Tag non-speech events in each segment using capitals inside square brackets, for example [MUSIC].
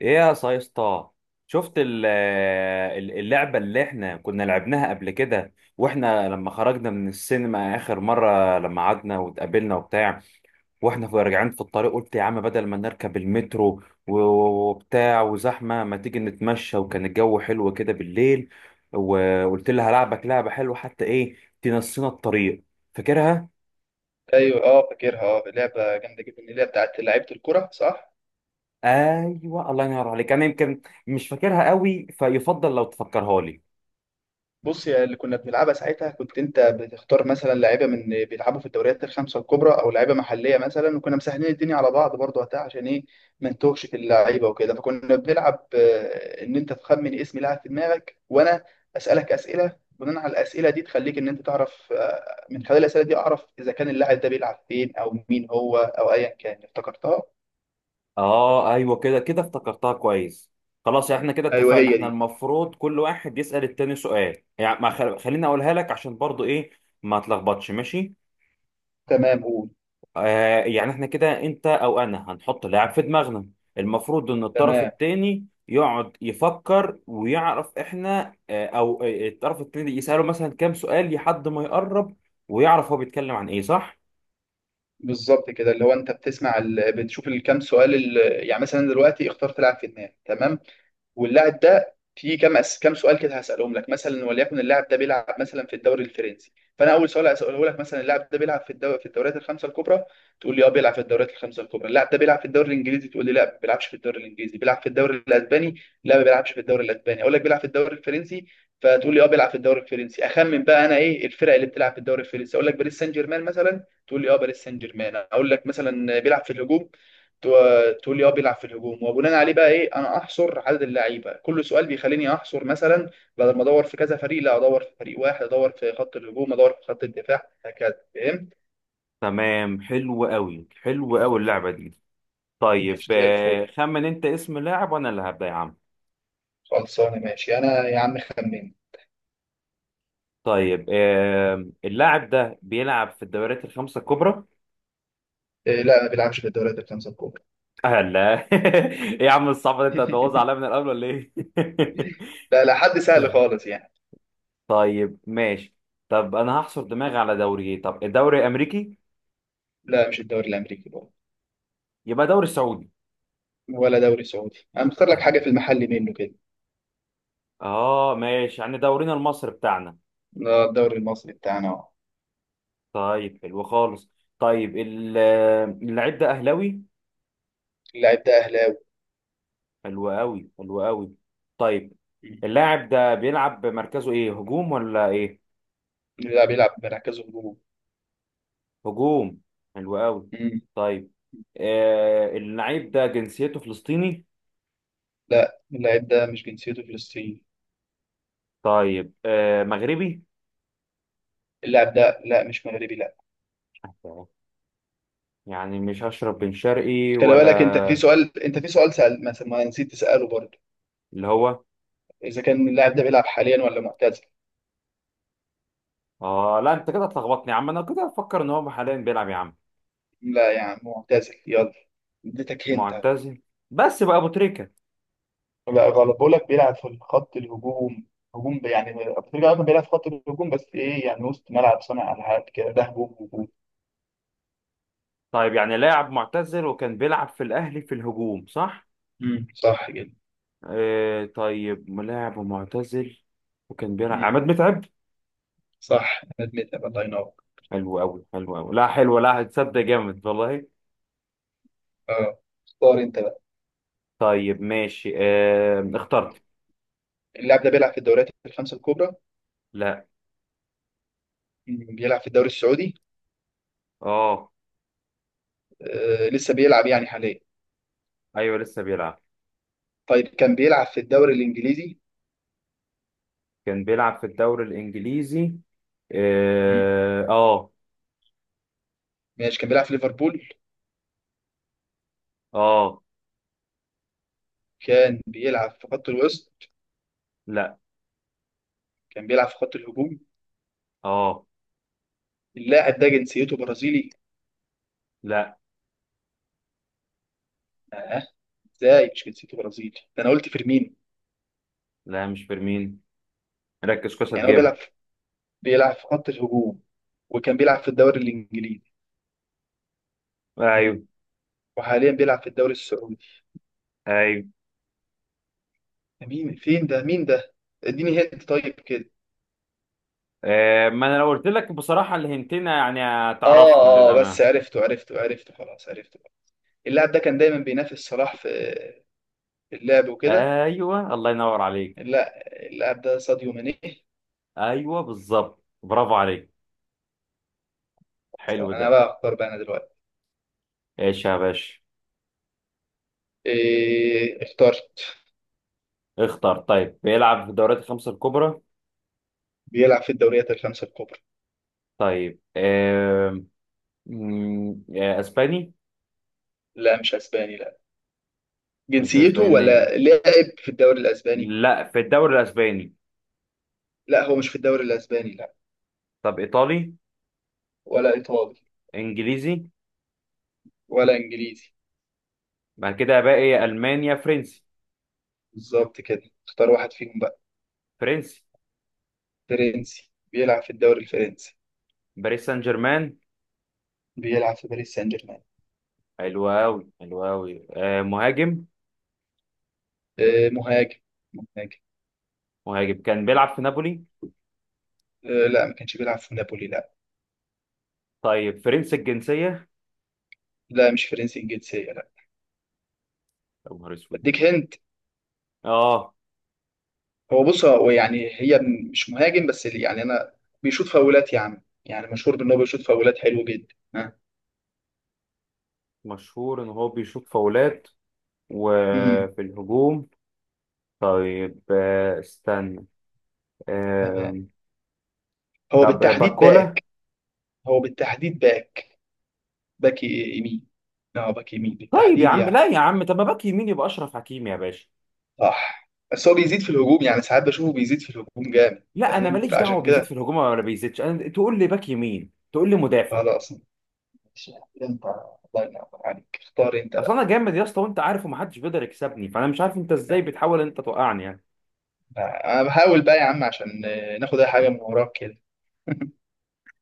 ايه يا سايستا، شفت اللعبة اللي احنا كنا لعبناها قبل كده، واحنا لما خرجنا من السينما اخر مرة لما قعدنا واتقابلنا وبتاع، واحنا راجعين في الطريق. قلت يا عم بدل ما نركب المترو و- وبتاع وزحمة، ما تيجي نتمشى، وكان الجو حلو كده بالليل. وقلت لها هلعبك لعبة حلوة حتى ايه، تنسينا الطريق. فاكرها؟ ايوه، فاكرها، لعبه جامده جدا، اللي هي بتاعت لعيبه الكره، صح؟ ايوه الله ينور عليك، انا يمكن مش فاكرها قوي، فيفضل لو تفكرها لي. بص، يا اللي كنا بنلعبها ساعتها كنت انت بتختار مثلا لعيبه من بيلعبوا في الدوريات الخمسه الكبرى او لعيبه محليه مثلا، وكنا مسهلين الدنيا على بعض برضه وقتها، عشان ايه؟ ما نتوهش في اللعيبه وكده. فكنا بنلعب ان انت تخمن اسم لاعب في دماغك، وانا اسالك اسئله، بناء على الاسئله دي تخليك ان انت تعرف، من خلال الاسئله دي اعرف اذا كان اللاعب ده بيلعب فين او مين هو او ايا كان. افتكرتها؟ اه ايوه كده كده افتكرتها كويس. خلاص احنا كده ايوه، اتفقنا. هي احنا دي. المفروض كل واحد يسأل التاني سؤال. يعني ما خل... خليني اقولها لك عشان برضو ايه، ما تلخبطش، ماشي. تمام، قول. يعني احنا كده انت او انا هنحط لاعب في دماغنا. المفروض ان الطرف تمام، التاني يقعد يفكر ويعرف احنا آه او آه، الطرف التاني يسأله مثلا كام سؤال لحد ما يقرب ويعرف هو بيتكلم عن ايه، صح. بالظبط كده. اللي هو انت بتشوف الكام سؤال يعني مثلا دلوقتي اختار تلعب في دماغك، تمام. واللاعب ده في كام سؤال كده هسألهم لك، مثلا وليكن اللاعب ده بيلعب مثلا في الدوري الفرنسي. فانا اول سؤال هسأله لك، مثلا اللاعب ده بيلعب في الدوريات الخمسه الكبرى؟ تقول لي: اه بيلعب في الدوريات الخمسه الكبرى. اللاعب ده بيلعب في الدوري الانجليزي؟ تقول لي: لا ما بيلعبش في الدوري الانجليزي، بيلعب في الدوري الاسباني؟ لا ما بيلعبش في الدوري الاسباني. اقول لك: بيلعب في الدوري الفرنسي. فتقول لي: اه بيلعب في الدوري الفرنسي. اخمن بقى انا ايه الفرق اللي بتلعب في الدوري الفرنسي، اقول لك باريس سان جيرمان مثلا. تقول لي: اه باريس سان جيرمان. اقول لك مثلا بيلعب في الهجوم. تقول لي: اه بيلعب في الهجوم. وبناء عليه بقى ايه، انا احصر عدد اللعيبه، كل سؤال بيخليني احصر مثلا، بدل ما ادور في كذا فريق، لا ادور في فريق واحد، ادور في خط الهجوم، ادور في خط الدفاع، هكذا. فهمت؟ تمام حلو قوي حلو قوي اللعبة دي. طيب ماشي زي الفل. خمن انت اسم لاعب وانا اللي هبدأ يا عم. خلصانه ماشي، انا يا عم خمن. طيب اللاعب ده بيلعب في الدوريات الخمسة الكبرى. إيه، لا ما بيلعبش في الدوريات الخمسه الكبرى. لا [LAUGHS] ايه يا عم الصعب ده، انت هتبوظ عليا من [LAUGHS] الاول ولا ايه؟ [LAUGHS] لا، لا، حد سهل خالص يعني. طيب ماشي. طب انا هحصر دماغي على دوري ايه، طب الدوري الامريكي. لا مش الدوري الامريكي برضه. يبقى دوري سعودي. ولا دوري سعودي، انا مختار لك حاجه اهلا. في المحل منه كده. اه ماشي، يعني دورينا المصري بتاعنا. لا، الدوري المصري بتاعنا اهو. طيب حلو خالص. طيب اللاعب ده اهلاوي. اللاعب ده اهلاوي. حلو قوي حلو قوي. طيب، مم. اللاعب ده بيلعب بمركزه ايه، هجوم ولا ايه؟ لا، بيلعب بمركزه هجوم. هجوم. حلو قوي. طيب آه اللعيب ده جنسيته فلسطيني. لا، اللاعب ده مش جنسيته فلسطيني. طيب آه مغربي. اللاعب ده لا مش مغربي، لا. يعني مش هشرب بن شرقي خلي ولا؟ بالك، انت في سؤال سأل، ما نسيت تسأله برضه. اللي هو. اذا كان اللاعب ده بيلعب حاليا ولا معتزل؟ اه لا انت كده هتلخبطني يا عم، انا كده افكر ان هو حاليا بيلعب يا عم. لا يا عم معتزل، يلا. اديتك هنت أهو. معتزل. بس بقى ابو تريكة. لا غلط، بقول لك بيلعب في الخط الهجوم. هجوم يعني افريقيا، اصلا بيلعب في خط الهجوم بس ايه، يعني وسط ملعب صانع العاب كده، ده هجوم هجوم. طيب يعني لاعب معتزل وكان بيلعب في الاهلي في الهجوم، صح. صح كده. آه طيب ملاعب ومعتزل وكان بيلعب، امم عماد متعب. صح، انا ادمتها، الله ينور. حلو أوي حلو أوي، لا حلو، لا هتصدق جامد والله. اه، اختار انت بقى. طيب ماشي آه اخترت. اللاعب ده بيلعب في الدوريات الخمسة الكبرى؟ لا. بيلعب في الدوري السعودي؟ اه لسه بيلعب يعني حاليا؟ ايوه لسه بيلعب. طيب، كان بيلعب في الدوري الانجليزي؟ كان بيلعب في الدوري الانجليزي. مم. اه اه. ماشي، كان بيلعب في ليفربول؟ آه، كان بيلعب في خط الوسط؟ لا. كان بيلعب في خط الهجوم؟ اه. اللاعب ده جنسيته برازيلي؟ لا اه، ازاي مش جنسيته برازيلي؟ ده انا قلت فيرمينو. لا مش فيرمين، ركز كويس يعني هو هتجيبها. بيلعب في خط الهجوم، وكان بيلعب في الدوري الانجليزي. مم. ايوه. وحاليا بيلعب في الدوري السعودي. ايوه. ده مين فين؟ ده مين ده؟ اديني هنت طيب كده. آه ما انا لو قلت لك بصراحه الهنتين يعني اه، هتعرفهم اه، بس للامانه. عرفته، عرفته، عرفته، خلاص عرفته. اللاعب ده كان دايما بينافس صلاح في اللعب وكده. ايوه الله ينور عليك. لا، اللاعب ده ساديو ماني. ايوه بالظبط برافو عليك. حلو انا ده. بقى اختار بقى، انا دلوقتي. ايش يا باشا؟ إيه، اخترت. اختار. طيب بيلعب في الدوريات الخمسة الكبرى. بيلعب في الدوريات الخمسه الكبرى. طيب آم، مم، آه، اسباني. لا مش اسباني، لا. مش جنسيته اسباني، ولا لاعب في الدوري الاسباني؟ لا في الدوري الاسباني. لا، هو مش في الدوري الاسباني، لا. طب ايطالي. ولا ايطالي. انجليزي. ولا انجليزي. بعد كده باقي المانيا فرنسي. بالظبط كده، اختار واحد فيهم بقى. فرنسي. فرنسي، بيلعب في الدوري الفرنسي؟ باريس سان جيرمان. بيلعب في باريس سان جيرمان؟ حلو قوي حلو قوي مهاجم. إيه، مهاجم، مهاجم. مهاجم كان بيلعب في نابولي. إيه، لا ما كانش بيلعب في نابولي، لا. طيب فرنسي الجنسية. لا، مش فرنسي الجنسيه، لا. يا نهار اسود. اديك هند. اه بص، هو يعني هي مش مهاجم، بس اللي يعني انا، بيشوط فاولات يا عم، يعني مشهور بان هو بيشوط فاولات حلو جدا، ها. مشهور ان هو بيشوط فاولات امم وفي الهجوم. طيب استنى. تمام. آم، هو طب بالتحديد باركولا. باك هو بالتحديد باك يمين. اه، باك يمين طيب يا بالتحديد عم، يعني. لا يا عم طب ما باك يمين يبقى اشرف حكيمي يا باشا. صح، بس هو بيزيد في الهجوم، يعني ساعات بشوفه بيزيد في الهجوم جامد، لا انا فاهم؟ ماليش دعوه فعشان بيزيد في كده. الهجوم ولا بيزيدش، انا تقول لي باك يمين، تقول لي مدافع. خلاص، ماشي. انت الله ينور عليك، اختار انت اصل بقى. انا جامد يا اسطى، وانت عارف، ومحدش بيقدر يكسبني، فانا مش عارف انت ازاي بتحاول انت توقعني يعني. آه، انا بحاول بقى يا عم، عشان ناخد اي حاجه من وراك كده.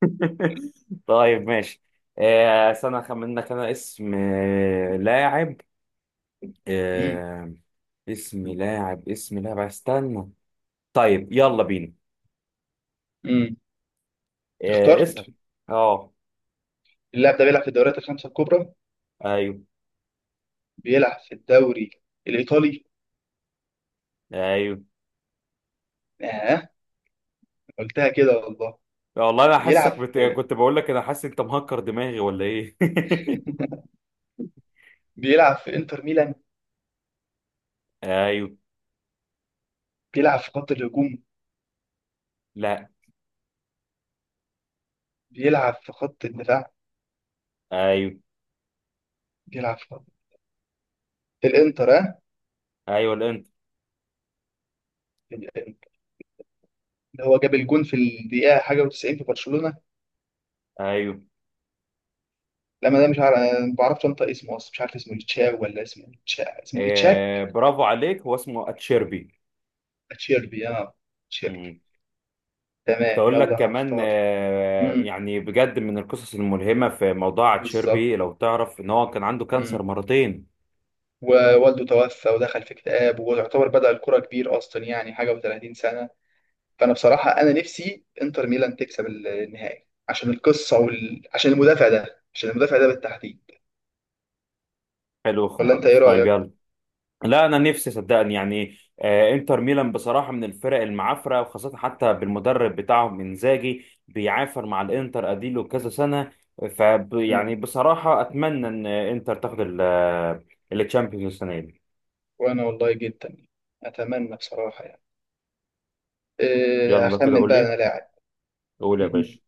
[LAUGHS] طيب ماشي. استنى اخمن لك انا اسم لاعب. امم. آه، اسم لاعب اسم لاعب استنى. طيب يلا بينا. امم. اخترت؟ اسأل. اه. اللاعب ده بيلعب في الدوريات الخمسه الكبرى؟ ايوه. بيلعب في الدوري الإيطالي؟ ايوه. آه، قلتها كده والله. والله انا بيلعب في كنت بقول لك انا حاسس انت مهكر دماغي ولا ايه. بيلعب في إنتر ميلان؟ [LAUGHS] ايوه. بيلعب في خط الهجوم؟ لا. بيلعب في خط الدفاع؟ ايوه. بيلعب في الإنتر، آه. ايوه الانت. اللي هو جاب الجون في الدقيقة حاجة و90 في برشلونة. ايوه. لما ده، مش عارف، أنا ما بعرفش أنطق اسمه أصلا، مش عارف اسمه إتشاو ولا اسمه إتشا، اسمه إتشاك؟ برافو عليك، هو اسمه اتشيربي. أتشيربي، آه، أتشيربي. مم. كنت تمام، اقول لك يلا أنا كمان هختار. امم. يعني بجد من القصص الملهمة في موضوع بالظبط. اتشيربي، لو تعرف ان هو كان عنده كانسر امم. مرتين. ووالده توفى ودخل في اكتئاب، ويعتبر بدأ الكرة كبير أصلا، يعني حاجة و30 سنة. فانا بصراحه، انا نفسي انتر ميلان تكسب النهائي عشان القصه عشان المدافع ده بالتحديد. حلو ولا انت ايه خالص طيب رايك؟ يلا. لا انا نفسي صدقني يعني انتر ميلان بصراحه من الفرق المعافره، وخاصه حتى بالمدرب بتاعهم انزاجي، بيعافر مع الانتر اديله كذا سنه. ف يعني مم. بصراحه اتمنى ان انتر تاخد الشامبيونز السنه دي. وانا والله جدا اتمنى بصراحه، يعني. إيه، يلا كده هخمن قول بقى لي. انا لاعب. قول يا مم. باشا.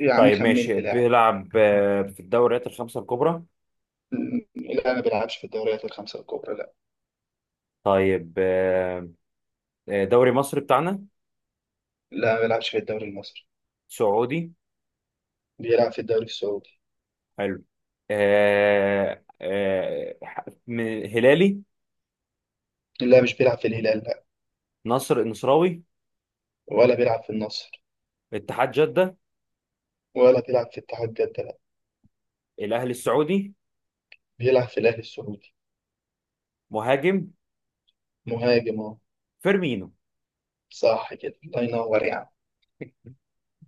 يا عم، طيب ماشي خمنت لاعب. بيلعب في الدوريات الخمسه الكبرى. لا ما بيلعبش في الدوريات الخمسه الكبرى، لا. طيب دوري مصر بتاعنا. لا ما بيلعبش في الدوري المصري. سعودي. بيلعب في الدوري السعودي. حلو. هلالي. لا مش بيلعب في الهلال، لا. نصر النصراوي. ولا بيلعب في النصر. اتحاد جدة. ولا بيلعب في اتحاد جده، لا. الاهلي السعودي. بيلعب في الاهلي السعودي. مهاجم. مهاجم اهو. فيرمينو. صح كده، الله ينور.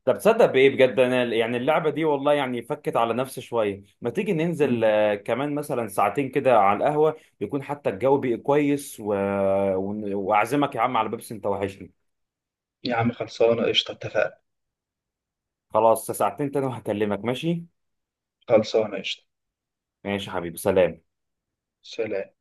طب تصدق بايه بجد انا يعني اللعبه دي والله يعني فكت على نفسي شويه. ما تيجي ننزل يعني. كمان مثلا ساعتين كده على القهوه، يكون حتى الجو بقى كويس و... واعزمك يا عم على بيبسي، انت وحشني. يا عم، خلصانة قشطة، اتفقنا. خلاص، ساعتين تاني وهكلمك، ماشي. خلصانة قشطة. ماشي يا حبيبي، سلام. سلام.